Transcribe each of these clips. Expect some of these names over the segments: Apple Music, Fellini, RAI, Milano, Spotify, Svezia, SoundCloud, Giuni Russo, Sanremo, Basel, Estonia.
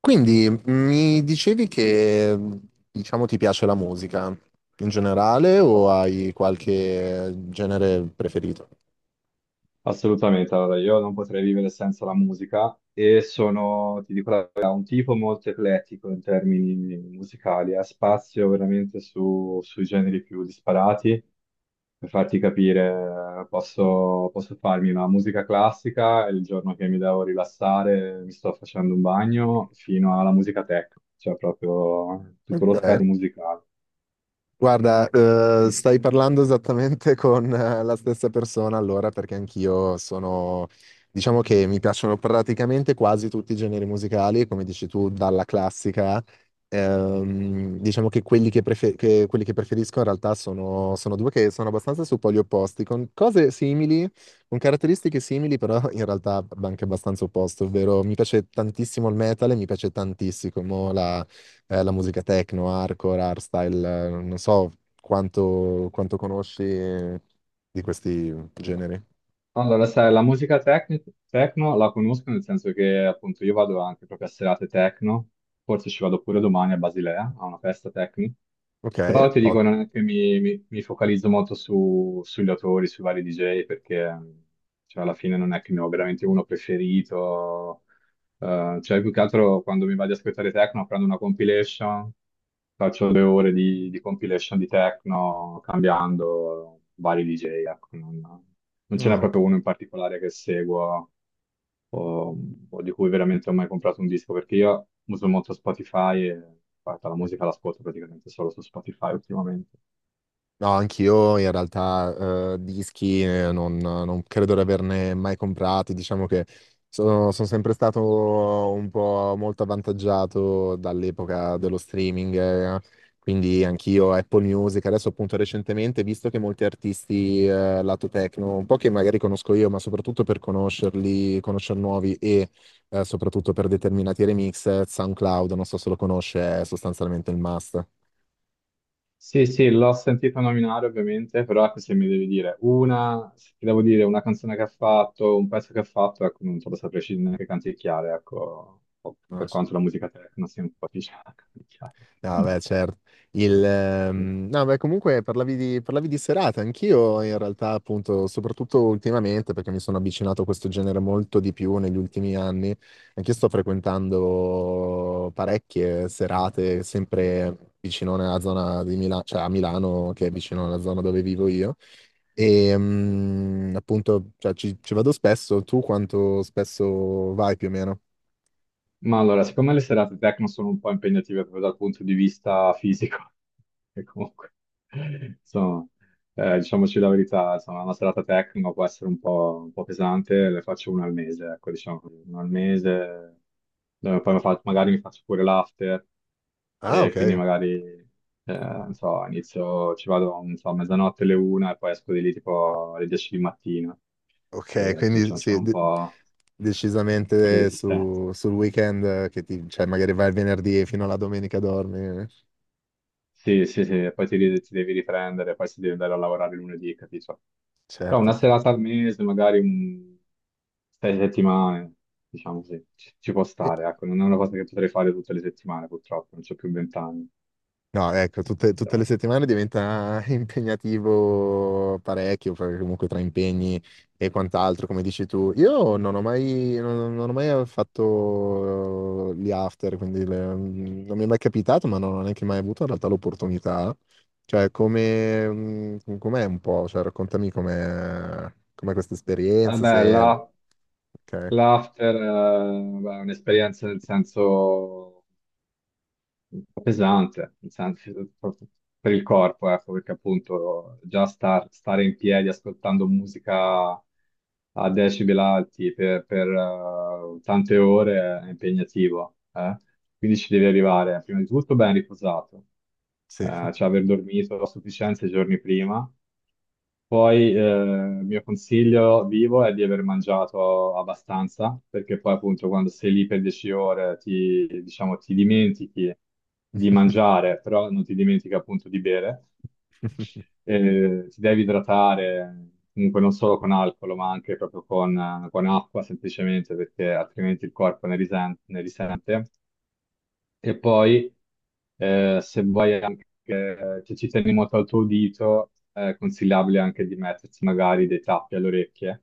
Quindi mi dicevi che, diciamo, ti piace la musica in generale o Ass- hai qualche genere preferito? Assolutamente, allora io non potrei vivere senza la musica e sono, ti dico la verità, un tipo molto eclettico in termini musicali, ha spazio veramente sui generi più disparati. Per farti capire, posso farmi una musica classica e il giorno che mi devo rilassare mi sto facendo un bagno fino alla musica tech, cioè proprio tutto lo Ok. spettro musicale. Guarda, Sì. stai parlando esattamente con la stessa persona, allora, perché anch'io sono, diciamo, che mi piacciono praticamente quasi tutti i generi musicali, come dici tu, dalla classica. Diciamo che quelli che preferisco in realtà sono due che sono abbastanza su poli opposti, con cose simili, con caratteristiche simili, però in realtà anche abbastanza opposto, ovvero mi piace tantissimo il metal e mi piace tantissimo la musica techno, hardcore, hardstyle, non so quanto conosci di questi generi. Allora, sai, la musica techno la conosco nel senso che appunto io vado anche proprio a serate techno, forse ci vado pure domani a Basilea, a una festa techno, Ok, però ti dico non è che mi focalizzo molto sugli autori, sui vari DJ, perché cioè, alla fine non è che ne ho veramente uno preferito, cioè più che altro quando mi vado ad ascoltare techno prendo una compilation, faccio 2 ore di compilation di techno cambiando vari DJ, ecco, non ce n'è ottimo. Ok, proprio uno in particolare che seguo o, o di cui veramente ho mai comprato un disco, perché io uso molto Spotify e guarda, la ok. musica l'ascolto praticamente solo su Spotify ultimamente. No, anch'io in realtà, dischi, non credo di averne mai comprati, diciamo che sono sempre stato un po' molto avvantaggiato dall'epoca dello streaming, eh, quindi anch'io Apple Music, adesso appunto recentemente, visto che molti artisti, lato techno, un po' che magari conosco io, ma soprattutto per conoscerli, conoscere nuovi e soprattutto per determinati remix, SoundCloud, non so se lo conosce, è sostanzialmente il Sì, sì, l'ho sentita nominare ovviamente, però ecco, se mi devi dire una, se ti devo dire una canzone che ha fatto, un pezzo che ha fatto, ecco, non te lo saprei scegliere neanche canticchiare, ecco, per must. quanto la musica techno sia un po' difficile da canticchiare. No, beh, certo. Il, no, beh, Comunque parlavi di serate, anch'io in realtà, appunto, soprattutto ultimamente, perché mi sono avvicinato a questo genere molto di più negli ultimi anni, anch'io sto frequentando parecchie serate, sempre vicino alla zona di Milano, cioè a Milano, che è vicino alla zona dove vivo io, e appunto, cioè, ci vado spesso. Tu quanto spesso vai, più o meno? Ma allora, siccome le serate techno sono un po' impegnative proprio dal punto di vista fisico, e comunque, insomma, diciamoci la verità, insomma, una serata techno può essere un un po' pesante, le faccio una al mese, ecco, diciamo, così, una al mese, dove Ok. poi magari mi faccio pure l'after, Ah, e ok, quindi magari, non so, inizio, ci vado, non so, a mezzanotte, alle una, e poi esco di lì tipo alle 10 di mattina, e ok, quindi quindi insomma, ci sì, vuole un po' di decisamente resistenza. Sul weekend, che ti, cioè magari vai il venerdì e fino alla domenica dormi, Sì, sì, sì, ti devi riprendere, poi si deve andare a lavorare lunedì, capito? Però una certo. serata al mese, sei settimane, diciamo sì, ci può E- stare, ecco, non è una cosa che potrei fare tutte le settimane, purtroppo, non c'ho più 20 anni. No, ecco, tutte le Però… settimane diventa impegnativo parecchio, perché comunque tra impegni e quant'altro, come dici tu. Io non ho mai fatto, gli after, quindi non mi è mai capitato, ma non ho neanche mai avuto in realtà l'opportunità. Cioè, come, com'è un po'? Cioè, raccontami com'è questa Eh esperienza, beh, se... la- Ok, L'after, beh, è un'esperienza nel senso un po' pesante, nel senso, proprio per il corpo, ecco, perché appunto già stare in piedi ascoltando musica a decibel alti per, tante ore è impegnativo, eh. Quindi ci devi arrivare prima di tutto ben riposato, sì. Cioè aver dormito a sufficienza i giorni prima, poi il mio consiglio vivo è di aver mangiato abbastanza, perché poi appunto quando sei lì per 10 ore ti, diciamo, ti dimentichi di mangiare, però non ti dimentichi appunto di bere. Ti devi idratare, comunque non solo con alcol, ma anche proprio con acqua semplicemente, perché altrimenti il corpo ne risente, ne risente. E poi, se vuoi anche, se ci tieni molto al tuo udito, è consigliabile anche di mettersi magari dei tappi alle orecchie,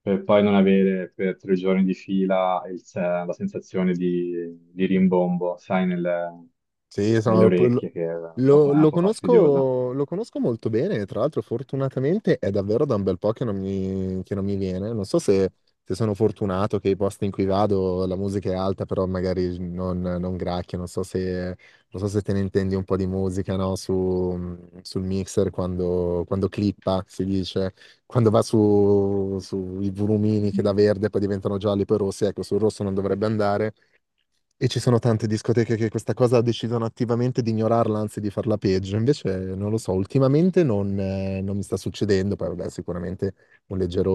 per poi non avere per 3 giorni di fila il se- la sensazione di rimbombo, sai, Sì, nelle sono- lo, orecchie, che è un po', lo- è un lo po' fastidiosa. conosco, lo conosco molto bene, tra l'altro fortunatamente è davvero da un bel po' che non mi viene. Non so se, se sono fortunato che i posti in cui vado la musica è alta, però magari non gracchia, non so se, non so se te ne intendi un po' di musica, no? Sul mixer quando clippa, si dice, quando va su, sui volumini che da verde poi diventano gialli, poi rossi, ecco, sul rosso non dovrebbe andare, e ci sono tante discoteche che questa cosa decidono attivamente di ignorarla, anzi di farla peggio. Invece, non lo so, ultimamente non mi sta succedendo. Poi, vabbè, sicuramente un leggero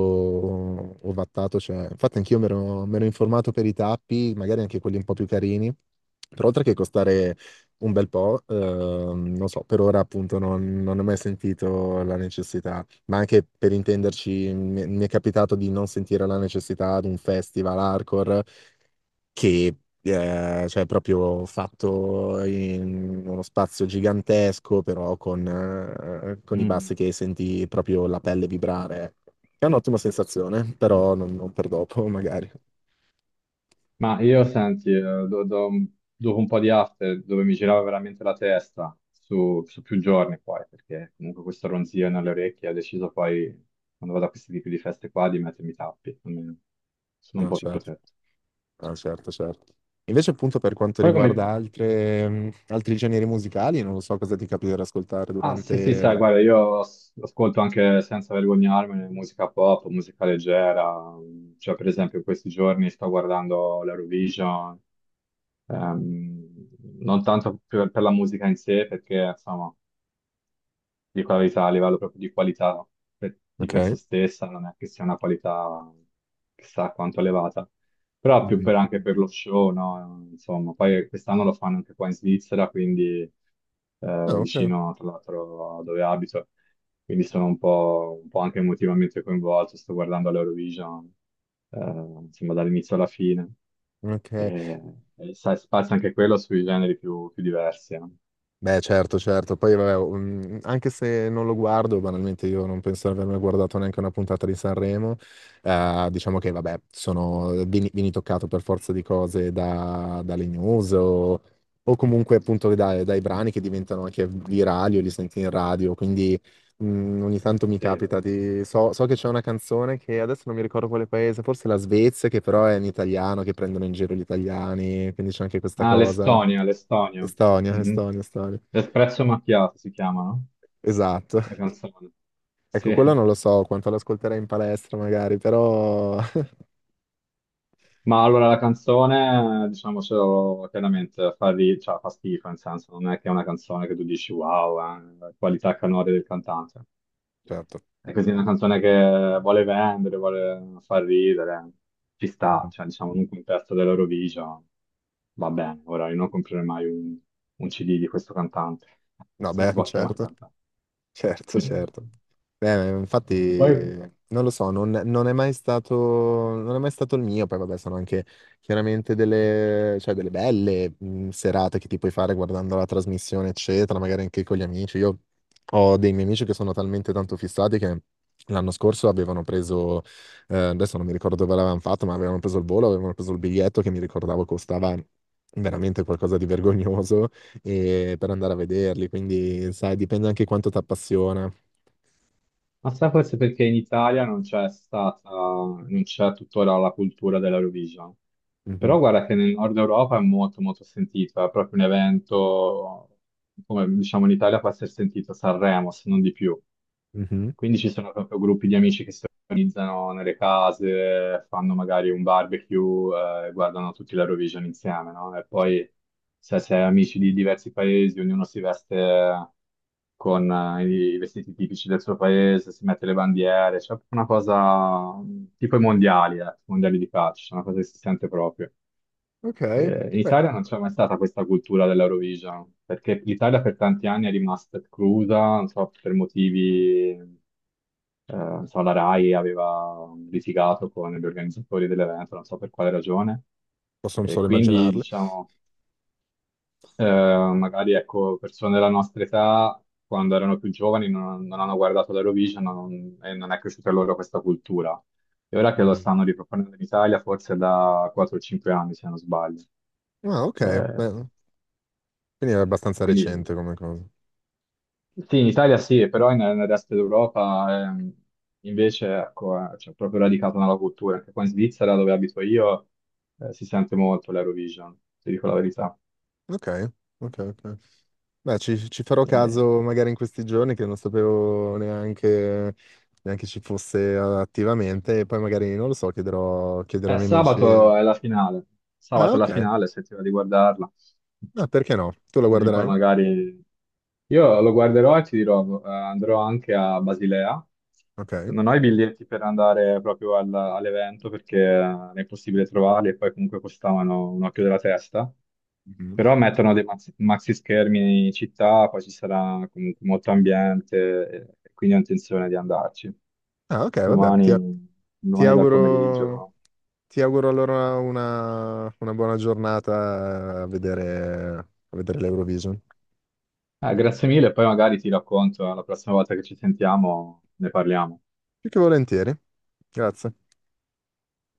ovattato c'è. Infatti, anch'io mi ero informato per i tappi, magari anche quelli un po' più carini. Però, oltre che costare un bel po', non so, per ora appunto non ho mai sentito la necessità. Ma anche per intenderci, mi è capitato di non sentire la necessità di un festival hardcore che cioè proprio fatto in uno spazio gigantesco, però con i Mm. bassi che senti proprio la pelle vibrare. È un'ottima sensazione, però non per dopo, magari. Ma io senti, do- do- dopo un po' di after dove mi girava veramente la testa su, su più giorni poi, perché comunque questo ronzio nelle orecchie ho deciso poi, quando vado a questi tipi di feste qua, di mettermi i tappi, almeno sono un No, po' più certo. protetto. Ah, certo, certo. Invece, appunto, per quanto Poi come… riguarda altri generi musicali, non lo so cosa ti capita di ascoltare Ah sì sì, sai, durante... guarda, io ascolto anche senza vergognarmene musica pop, musica leggera, cioè per esempio in questi giorni sto guardando l'Eurovision, ehm, non tanto per la musica in sé, perché insomma dico la verità, a livello proprio di qualità no? Di per se Ok. stessa, non è che sia una qualità chissà quanto elevata, però più Mhm. per anche per lo show, no? Insomma, poi quest'anno lo fanno anche qua in Svizzera, quindi Ah, ok. vicino tra l'altro a dove abito, quindi sono un po' anche emotivamente coinvolto, sto guardando l'Eurovision, eh, insomma, dall'inizio alla fine, Ok. e, e sai, spazio anche quello sui generi più, più diversi, no? Beh, certo, certo. Poi, vabbè, anche se non lo guardo, banalmente io non penso di aver mai guardato neanche una puntata di Sanremo. Diciamo che, vabbè, sono, vieni toccato per forza di cose dalle news o comunque appunto dai brani che diventano anche virali o li senti in radio. Quindi mm, ogni tanto mi Sì. capita di... So, so che c'è una canzone che adesso non mi ricordo quale paese, forse la Svezia, che però è in italiano, che prendono in giro gli italiani, quindi c'è anche questa Ah, cosa. l'Estonia, l'Estonia. Estonia, Mhm. Estonia, Estonia. L'espresso macchiato si chiama, no? Esatto. La canzone. Sì, Ecco, quello non lo so quanto l'ascolterei in palestra magari, però... ma allora la canzone, diciamocelo chiaramente, cioè, fa schifo, nel senso, non è che è una canzone che tu dici wow, la qualità canore del cantante. Certo. È così una canzone che vuole vendere, vuole far ridere, ci sta, cioè diciamo in un contesto dell'Eurovision, va bene, ora io non comprerei mai un CD di questo cantante, No, se si beh, può chiamare certo, certo, cantante. certo. Infatti, Poi, non lo so, non è mai stato, non è mai stato il mio. Poi, vabbè, sono anche chiaramente delle, cioè, delle belle serate che ti puoi fare guardando la trasmissione, eccetera, magari anche con gli amici. Io ho dei miei amici che sono talmente tanto fissati che l'anno scorso avevano preso, adesso non mi ricordo dove l'avevano fatto, ma avevano preso il volo, avevano preso il biglietto, che mi ricordavo costava veramente qualcosa di vergognoso per andare a vederli. Quindi, sai, dipende anche quanto ti appassiona. ma sai forse perché in Italia non c'è stata, non c'è tuttora la cultura dell'Eurovision. Mhm. Però guarda che nel nord Europa è molto molto sentito, è proprio un evento, come diciamo in Italia può essere sentito Sanremo, se non di più. Mhm. Quindi ci sono proprio gruppi di amici che si organizzano nelle case, fanno magari un barbecue, guardano tutti l'Eurovision insieme, no? E poi se sei amici di diversi paesi, ognuno si veste con i vestiti tipici del suo paese, si mette le bandiere, c'è una cosa mm, tipo i mondiali di calcio, una cosa che si sente proprio. Ok, In beh, Italia non c'è mai stata questa cultura dell'Eurovision, perché l'Italia per tanti anni è rimasta esclusa, non so, per motivi, non so, la RAI aveva litigato con gli organizzatori dell'evento, non so per quale ragione, posso e solo quindi, immaginarle. diciamo, magari, ecco, persone della nostra età, quando erano più giovani, non hanno guardato l'Eurovision e non è cresciuta loro questa cultura. E ora che lo Mhm. stanno riproponendo in Italia, forse da 4 o 5 anni, se non sbaglio. Ah, ok, Eh, beh, quindi è abbastanza Quindi recente come cosa. sì, in Italia sì, però nel resto d'Europa invece ecco, c'è proprio radicata nella cultura. Anche qua in Svizzera, dove abito io, si sente molto l'Eurovision, ti dico la verità. Ok, ok, ok. Beh, ci farò Eh, caso magari in questi giorni, che non sapevo neanche, neanche ci fosse attivamente, e poi magari, non lo so, chiederò, chiederò ai miei amici. Sabato è la finale. Ah, Sabato è la ok, finale, se ti va di guardarla. ah, perché no? Tu la Così poi guarderai? magari io lo guarderò e ti dirò, andrò anche a Basilea. Ok. Non ho i biglietti per andare proprio all'evento perché non è possibile trovarli e poi comunque costavano un occhio della testa. Mhm. Però mettono dei maxi, maxi schermi in città, poi ci sarà comunque molto ambiente, e quindi ho intenzione di andarci. Ah, ok, vabbè, Domani, ti domani dal auguro... pomeriggio. Ti auguro allora una buona giornata a vedere l'Eurovision. Grazie mille, poi magari ti racconto, la prossima volta che ci sentiamo ne parliamo. Più che volentieri. Grazie.